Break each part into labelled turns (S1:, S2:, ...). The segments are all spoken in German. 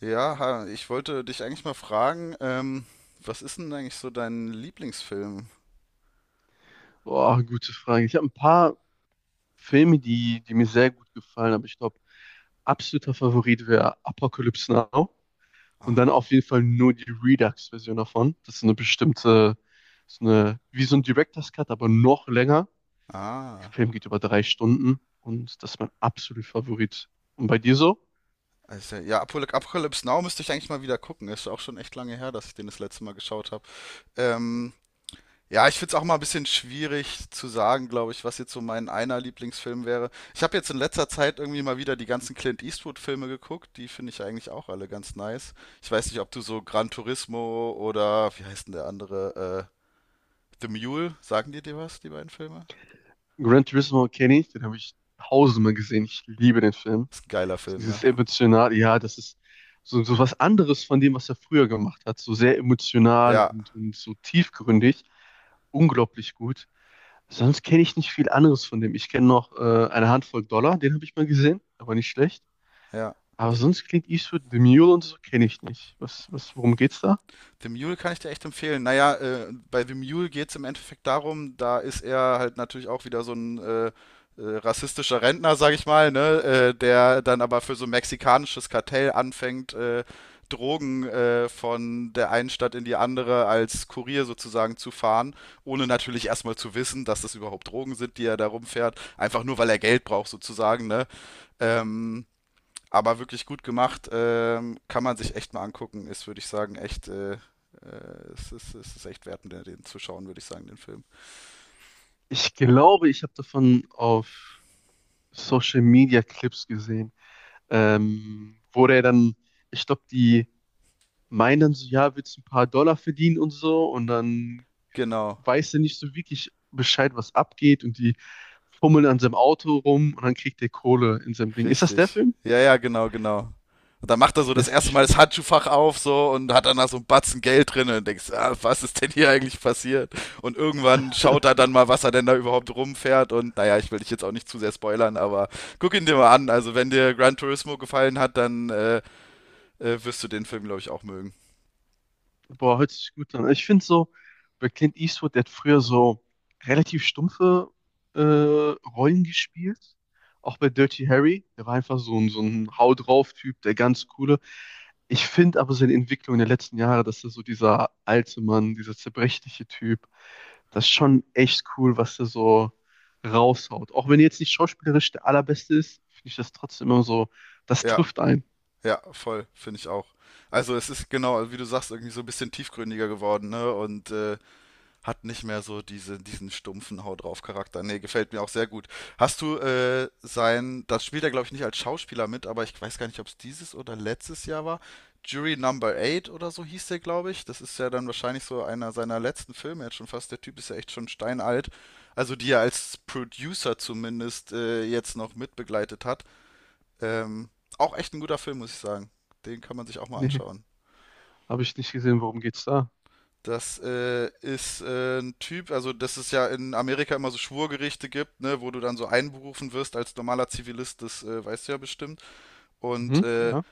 S1: Ja, ha, ich wollte dich eigentlich mal fragen, was ist denn eigentlich so dein Lieblingsfilm?
S2: Boah, gute Frage. Ich habe ein paar Filme, die mir sehr gut gefallen, aber ich glaube, absoluter Favorit wäre Apocalypse Now. Und dann
S1: Ah,
S2: auf jeden Fall nur die Redux-Version davon. Das ist eine bestimmte, ist eine, wie so ein Director's Cut, aber noch länger. Der
S1: ah,
S2: Film geht über drei Stunden und das ist mein absoluter Favorit. Und bei dir so?
S1: also, ja, Apocalypse Now müsste ich eigentlich mal wieder gucken. Ist auch schon echt lange her, dass ich den das letzte Mal geschaut habe. Ähm, ja, ich finde es auch mal ein bisschen schwierig zu sagen, glaube ich, was jetzt so mein einer Lieblingsfilm wäre. Ich habe jetzt in letzter Zeit irgendwie mal wieder die ganzen Clint Eastwood-Filme geguckt. Die finde ich eigentlich auch alle ganz nice. Ich weiß nicht, ob du so Gran Turismo oder wie heißt denn der andere? The Mule, sagen dir was, die beiden Filme?
S2: Gran Turismo kenne ich, den habe ich tausendmal gesehen. Ich liebe den Film.
S1: Ist ein geiler
S2: So
S1: Film, ne?
S2: dieses emotional, ja, das ist so was anderes von dem, was er früher gemacht hat. So sehr emotional
S1: Ja,
S2: und so tiefgründig. Unglaublich gut. Sonst kenne ich nicht viel anderes von dem. Ich kenne noch eine Handvoll Dollar, den habe ich mal gesehen, aber nicht schlecht.
S1: ja.
S2: Aber
S1: Den,
S2: sonst klingt Eastwood, The Mule und so kenne ich nicht. Worum geht's da?
S1: The Mule kann ich dir echt empfehlen. Naja, bei The Mule geht es im Endeffekt darum, da ist er halt natürlich auch wieder so ein rassistischer Rentner, sag ich mal, ne? Der dann aber für so ein mexikanisches Kartell anfängt, Drogen von der einen Stadt in die andere als Kurier sozusagen zu fahren, ohne natürlich erstmal zu wissen, dass das überhaupt Drogen sind, die er da rumfährt, einfach nur weil er Geld braucht sozusagen, ne? Ähm, Aber wirklich gut gemacht, kann man sich echt mal angucken. Würde ich sagen, echt, es ist echt wert, den zu schauen, würde ich sagen, den Film.
S2: Ich glaube, ich habe davon auf Social Media Clips gesehen, wo der dann, ich glaube, die meinen dann so, ja, willst du ein paar Dollar verdienen und so, und dann
S1: Genau,
S2: weiß ja nicht so wirklich Bescheid, was abgeht, und die fummeln an seinem Auto rum und dann kriegt er Kohle in seinem Ding. Ist das der
S1: richtig.
S2: Film?
S1: Ja, ja, genau, genau. Und dann macht er so
S2: Okay.
S1: das
S2: Das ist,
S1: erste
S2: nicht-
S1: Mal das Handschuhfach auf so und hat dann da so einen Batzen Geld drin und denkst, ah, was ist denn hier eigentlich passiert? Und irgendwann schaut er dann mal, was er denn da überhaupt rumfährt und naja, ich will dich jetzt auch nicht zu sehr spoilern, aber guck ihn dir mal an. Also wenn dir Gran Turismo gefallen hat, dann wirst du den Film, glaube ich, auch mögen.
S2: Boah, hört sich gut an. Ich finde so, bei Clint Eastwood, der hat früher so relativ stumpfe äh, Rollen gespielt. Auch bei Dirty Harry, der war einfach so ein Hau drauf-Typ, der ganz coole. Ich finde aber seine Entwicklung der letzten Jahre, dass er so dieser alte Mann, dieser zerbrechliche Typ, das ist schon echt cool, was er so raushaut. Auch wenn er jetzt nicht schauspielerisch der allerbeste ist, finde ich das trotzdem immer so, das
S1: Ja.
S2: trifft einen.
S1: Ja, voll, finde ich auch. Also es ist genau, wie du sagst, irgendwie so ein bisschen tiefgründiger geworden, ne? Und hat nicht mehr so diesen stumpfen Hau drauf Charakter. Nee, gefällt mir auch sehr gut. Hast du das spielt er, glaube ich, nicht als Schauspieler mit, aber ich weiß gar nicht, ob es dieses oder letztes Jahr war. Jury Number 8 oder so hieß der, glaube ich. Das ist ja dann wahrscheinlich so einer seiner letzten Filme jetzt schon fast. Der Typ ist ja echt schon steinalt. Also die er als Producer zumindest jetzt noch mitbegleitet hat. Ähm, Auch echt ein guter Film, muss ich sagen. Den kann man sich auch mal
S2: Nee,
S1: anschauen.
S2: habe ich nicht gesehen, worum geht's da?
S1: Das ist ein Typ, also dass es ja in Amerika immer so Schwurgerichte gibt, ne, wo du dann so einberufen wirst als normaler Zivilist, das weißt du ja bestimmt. Und
S2: Mhm, ja.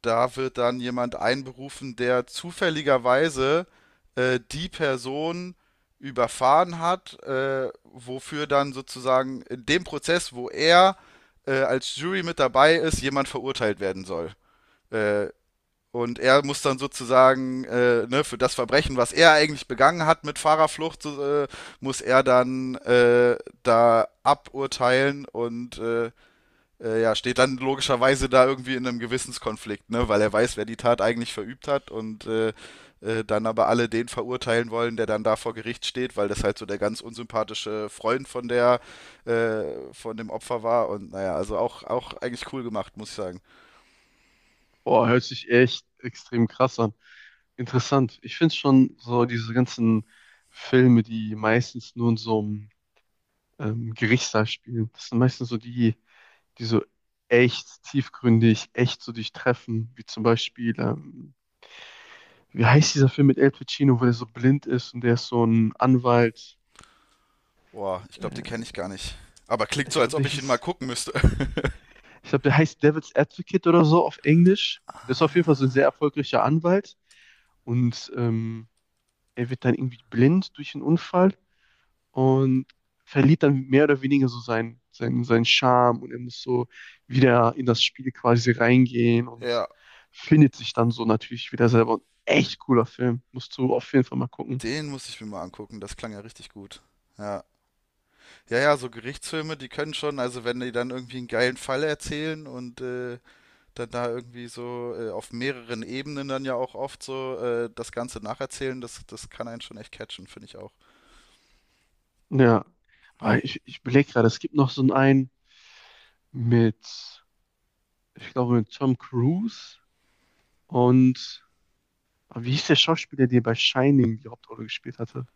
S1: da wird dann jemand einberufen, der zufälligerweise die Person überfahren hat, wofür dann sozusagen in dem Prozess, wo er als Jury mit dabei ist, jemand verurteilt werden soll. Äh, Und er muss dann sozusagen ne, für das Verbrechen, was er eigentlich begangen hat mit Fahrerflucht, so, muss er dann da aburteilen und ja, steht dann logischerweise da irgendwie in einem Gewissenskonflikt, ne, weil er weiß, wer die Tat eigentlich verübt hat und dann aber alle den verurteilen wollen, der dann da vor Gericht steht, weil das halt so der ganz unsympathische Freund von der von dem Opfer war und naja, also auch eigentlich cool gemacht, muss ich sagen.
S2: Boah, hört sich echt extrem krass an. Interessant. Ich finde schon so diese ganzen Filme, die meistens nur in so einem Gerichtssaal spielen, das sind meistens so die, die so echt tiefgründig, echt so dich treffen, wie zum Beispiel, wie heißt dieser Film mit Al Pacino, wo der so blind ist und der ist so ein Anwalt.
S1: Boah, ich glaube, den kenne ich
S2: Äh,
S1: gar nicht. Aber klingt
S2: ich
S1: so, als
S2: glaube, der
S1: ob ich ihn mal
S2: hieß,
S1: gucken müsste.
S2: ich glaube, der heißt Devil's Advocate oder so auf Englisch. Der ist auf jeden Fall so ein sehr erfolgreicher Anwalt. Und er wird dann irgendwie blind durch einen Unfall und verliert dann mehr oder weniger so seinen Charme und er muss so wieder in das Spiel quasi reingehen und
S1: Ja,
S2: findet sich dann so natürlich wieder selber. Und echt cooler Film. Musst du auf jeden Fall mal gucken.
S1: den muss ich mir mal angucken. Das klang ja richtig gut. Ja, ja, ja, so Gerichtsfilme, die können schon, also wenn die dann irgendwie einen geilen Fall erzählen und dann da irgendwie so auf mehreren Ebenen dann ja auch oft so das Ganze nacherzählen, das kann einen schon echt catchen, finde ich auch.
S2: Ja. Aber ich überlege gerade, es gibt noch so einen mit, ich glaube, mit Tom Cruise, und aber wie hieß der Schauspieler, der bei Shining die Hauptrolle gespielt hatte?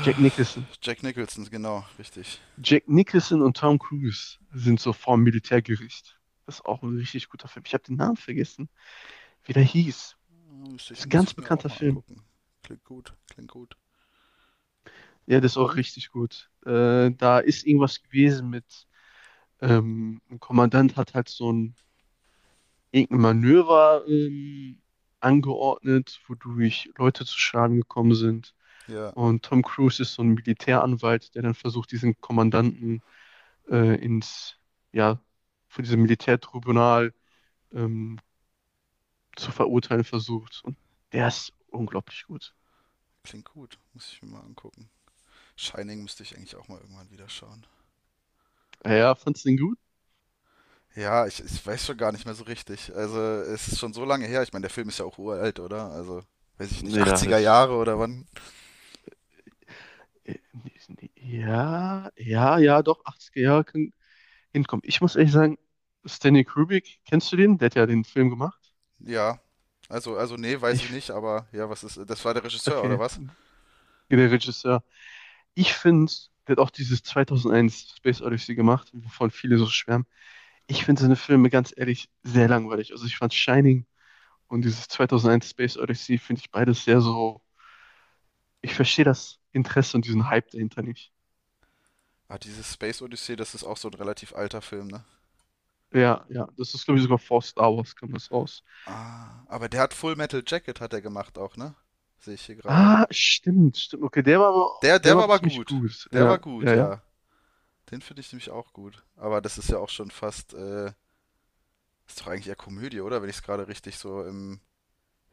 S2: Jack Nicholson.
S1: Jack Nicholson, genau, richtig.
S2: Jack Nicholson und Tom Cruise sind so vorm Militärgericht. Das ist auch ein richtig guter Film. Ich habe den Namen vergessen, wie der hieß. Das ist ein
S1: Muss
S2: ganz
S1: ich mir auch
S2: bekannter
S1: mal
S2: Film.
S1: angucken. Klingt gut, klingt gut.
S2: Ja, das ist auch richtig gut. Da ist irgendwas gewesen mit, ein Kommandant hat halt so ein irgendein Manöver angeordnet, wodurch Leute zu Schaden gekommen sind.
S1: Ja,
S2: Und Tom Cruise ist so ein Militäranwalt, der dann versucht, diesen Kommandanten ins, ja, von diesem Militärtribunal ähm, zu verurteilen versucht. Und der ist unglaublich gut.
S1: klingt gut, muss ich mir mal angucken. Shining müsste ich eigentlich auch mal irgendwann wieder schauen.
S2: Ja, fandst du den gut?
S1: Ja, ich weiß schon gar nicht mehr so richtig. Also, es ist schon so lange her. Ich meine, der Film ist ja auch uralt, oder? Also, weiß ich nicht,
S2: Ja,
S1: 80er
S2: das.
S1: Jahre oder wann?
S2: Nee, nee, ja, ja, ja, doch, 80er Jahre kann hinkommen. Ich muss ehrlich sagen, Stanley Kubrick, kennst du den? Der hat ja den Film gemacht.
S1: Ja, also nee, weiß ich
S2: Ich,
S1: nicht, aber ja, was ist, das war der Regisseur, oder
S2: okay,
S1: was?
S2: der Regisseur. Ich finde, der hat auch dieses 2001 Space Odyssey gemacht, wovon viele so schwärmen. Ich finde seine Filme ganz ehrlich sehr langweilig. Also ich fand Shining und dieses 2001 Space Odyssey finde ich beides sehr so, ich verstehe das Interesse und diesen Hype dahinter nicht.
S1: Ah, dieses Space Odyssey, das ist auch so ein relativ alter Film, ne?
S2: Ja, ja, das ist, glaube ich, sogar vor Star Wars kam das raus.
S1: Ah, aber der hat Full Metal Jacket hat er gemacht auch, ne? Sehe ich hier gerade.
S2: Ah, stimmt, stimmt. Okay, der
S1: Der
S2: war
S1: war
S2: aber
S1: aber
S2: ziemlich
S1: gut.
S2: gut.
S1: Der war
S2: Ja,
S1: gut,
S2: ja, ja.
S1: ja. Den finde ich nämlich auch gut. Aber das ist ja auch schon fast, ist doch eigentlich eher Komödie, oder? Wenn ich es gerade richtig so im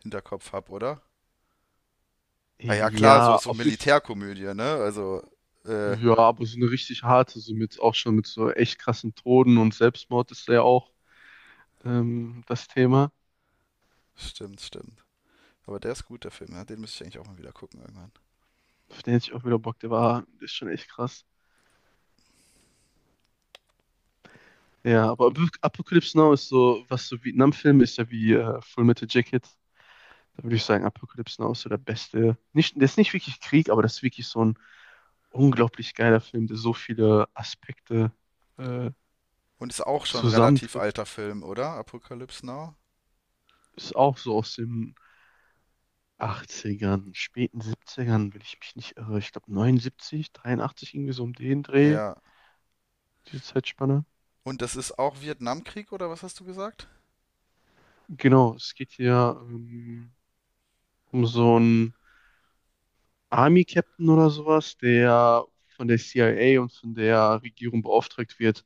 S1: Hinterkopf habe, oder? Ah ja, klar, so
S2: Ja,
S1: ist so
S2: auf jeden Fall.
S1: Militärkomödie, ne? Also, äh,
S2: Ja, aber so eine richtig harte, so mit auch schon mit so echt krassen Toden und Selbstmord ist da ja auch das Thema.
S1: stimmt, stimmt. Aber der ist gut, der Film, ja? Den müsste ich eigentlich auch mal wieder gucken irgendwann.
S2: Auf den hätte ich auch wieder Bock, der war, der ist schon echt krass. Ja, aber Apocalypse Now ist so, was so Vietnam-Film ist ja wie Full Metal Jacket. Da würde ich sagen, Apocalypse Now ist so der beste. Nicht, der ist nicht wirklich Krieg, aber das ist wirklich so ein unglaublich geiler Film, der so viele Aspekte äh,
S1: Und ist auch schon ein relativ
S2: zusammentrifft.
S1: alter Film, oder? Apocalypse Now?
S2: Ist auch so aus den achtzigern, späten 70, wenn ich mich nicht irre. Ich glaube 79, 83, irgendwie so um den Dreh,
S1: Ja.
S2: diese Zeitspanne.
S1: Und das ist auch Vietnamkrieg, oder was hast du gesagt?
S2: Genau, es geht hier um so einen Army-Captain oder sowas, der von der CIA und von der Regierung beauftragt wird,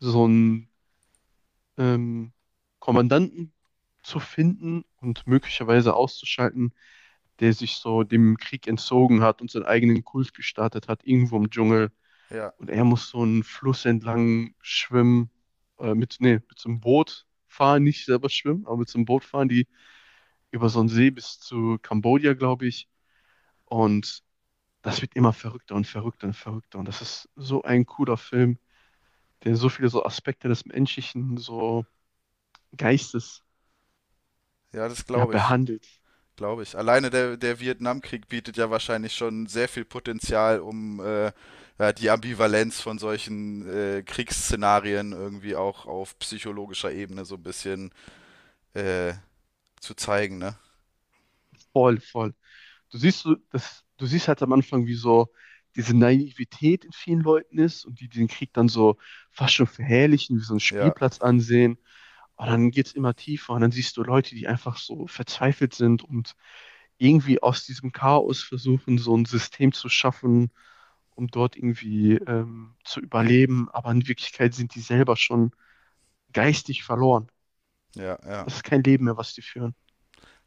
S2: so ein ähm, Kommandanten zu finden und möglicherweise auszuschalten, der sich so dem Krieg entzogen hat und seinen eigenen Kult gestartet hat, irgendwo im Dschungel.
S1: Ja,
S2: Und er muss so einen Fluss entlang schwimmen, mit, nee, mit so einem Boot fahren, nicht selber schwimmen, aber mit so einem Boot fahren, die über so einen See bis zu Kambodscha, glaube ich. Und das wird immer verrückter und verrückter und verrückter. Und das ist so ein cooler Film, der so viele so Aspekte des menschlichen so Geistes,
S1: ja, das
S2: ja,
S1: glaube ich.
S2: behandelt.
S1: Glaube ich. Alleine der Vietnamkrieg bietet ja wahrscheinlich schon sehr viel Potenzial, um ja, die Ambivalenz von solchen Kriegsszenarien irgendwie auch auf psychologischer Ebene so ein bisschen äh, zu zeigen, ne?
S2: Voll, voll. Du siehst so, das, du siehst halt am Anfang, wie so diese Naivität in vielen Leuten ist und die den Krieg dann so fast schon verherrlichen, wie so einen
S1: Ja.
S2: Spielplatz ansehen. Und dann geht's immer tiefer und dann siehst du Leute, die einfach so verzweifelt sind und irgendwie aus diesem Chaos versuchen, so ein System zu schaffen, um dort irgendwie zu überleben. Aber in Wirklichkeit sind die selber schon geistig verloren.
S1: Ja, ja.
S2: Das ist kein Leben mehr, was die führen.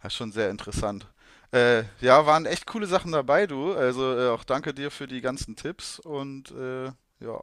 S1: Das ist schon sehr interessant. Ja, waren echt coole Sachen dabei, du. Also auch danke dir für die ganzen Tipps und ja,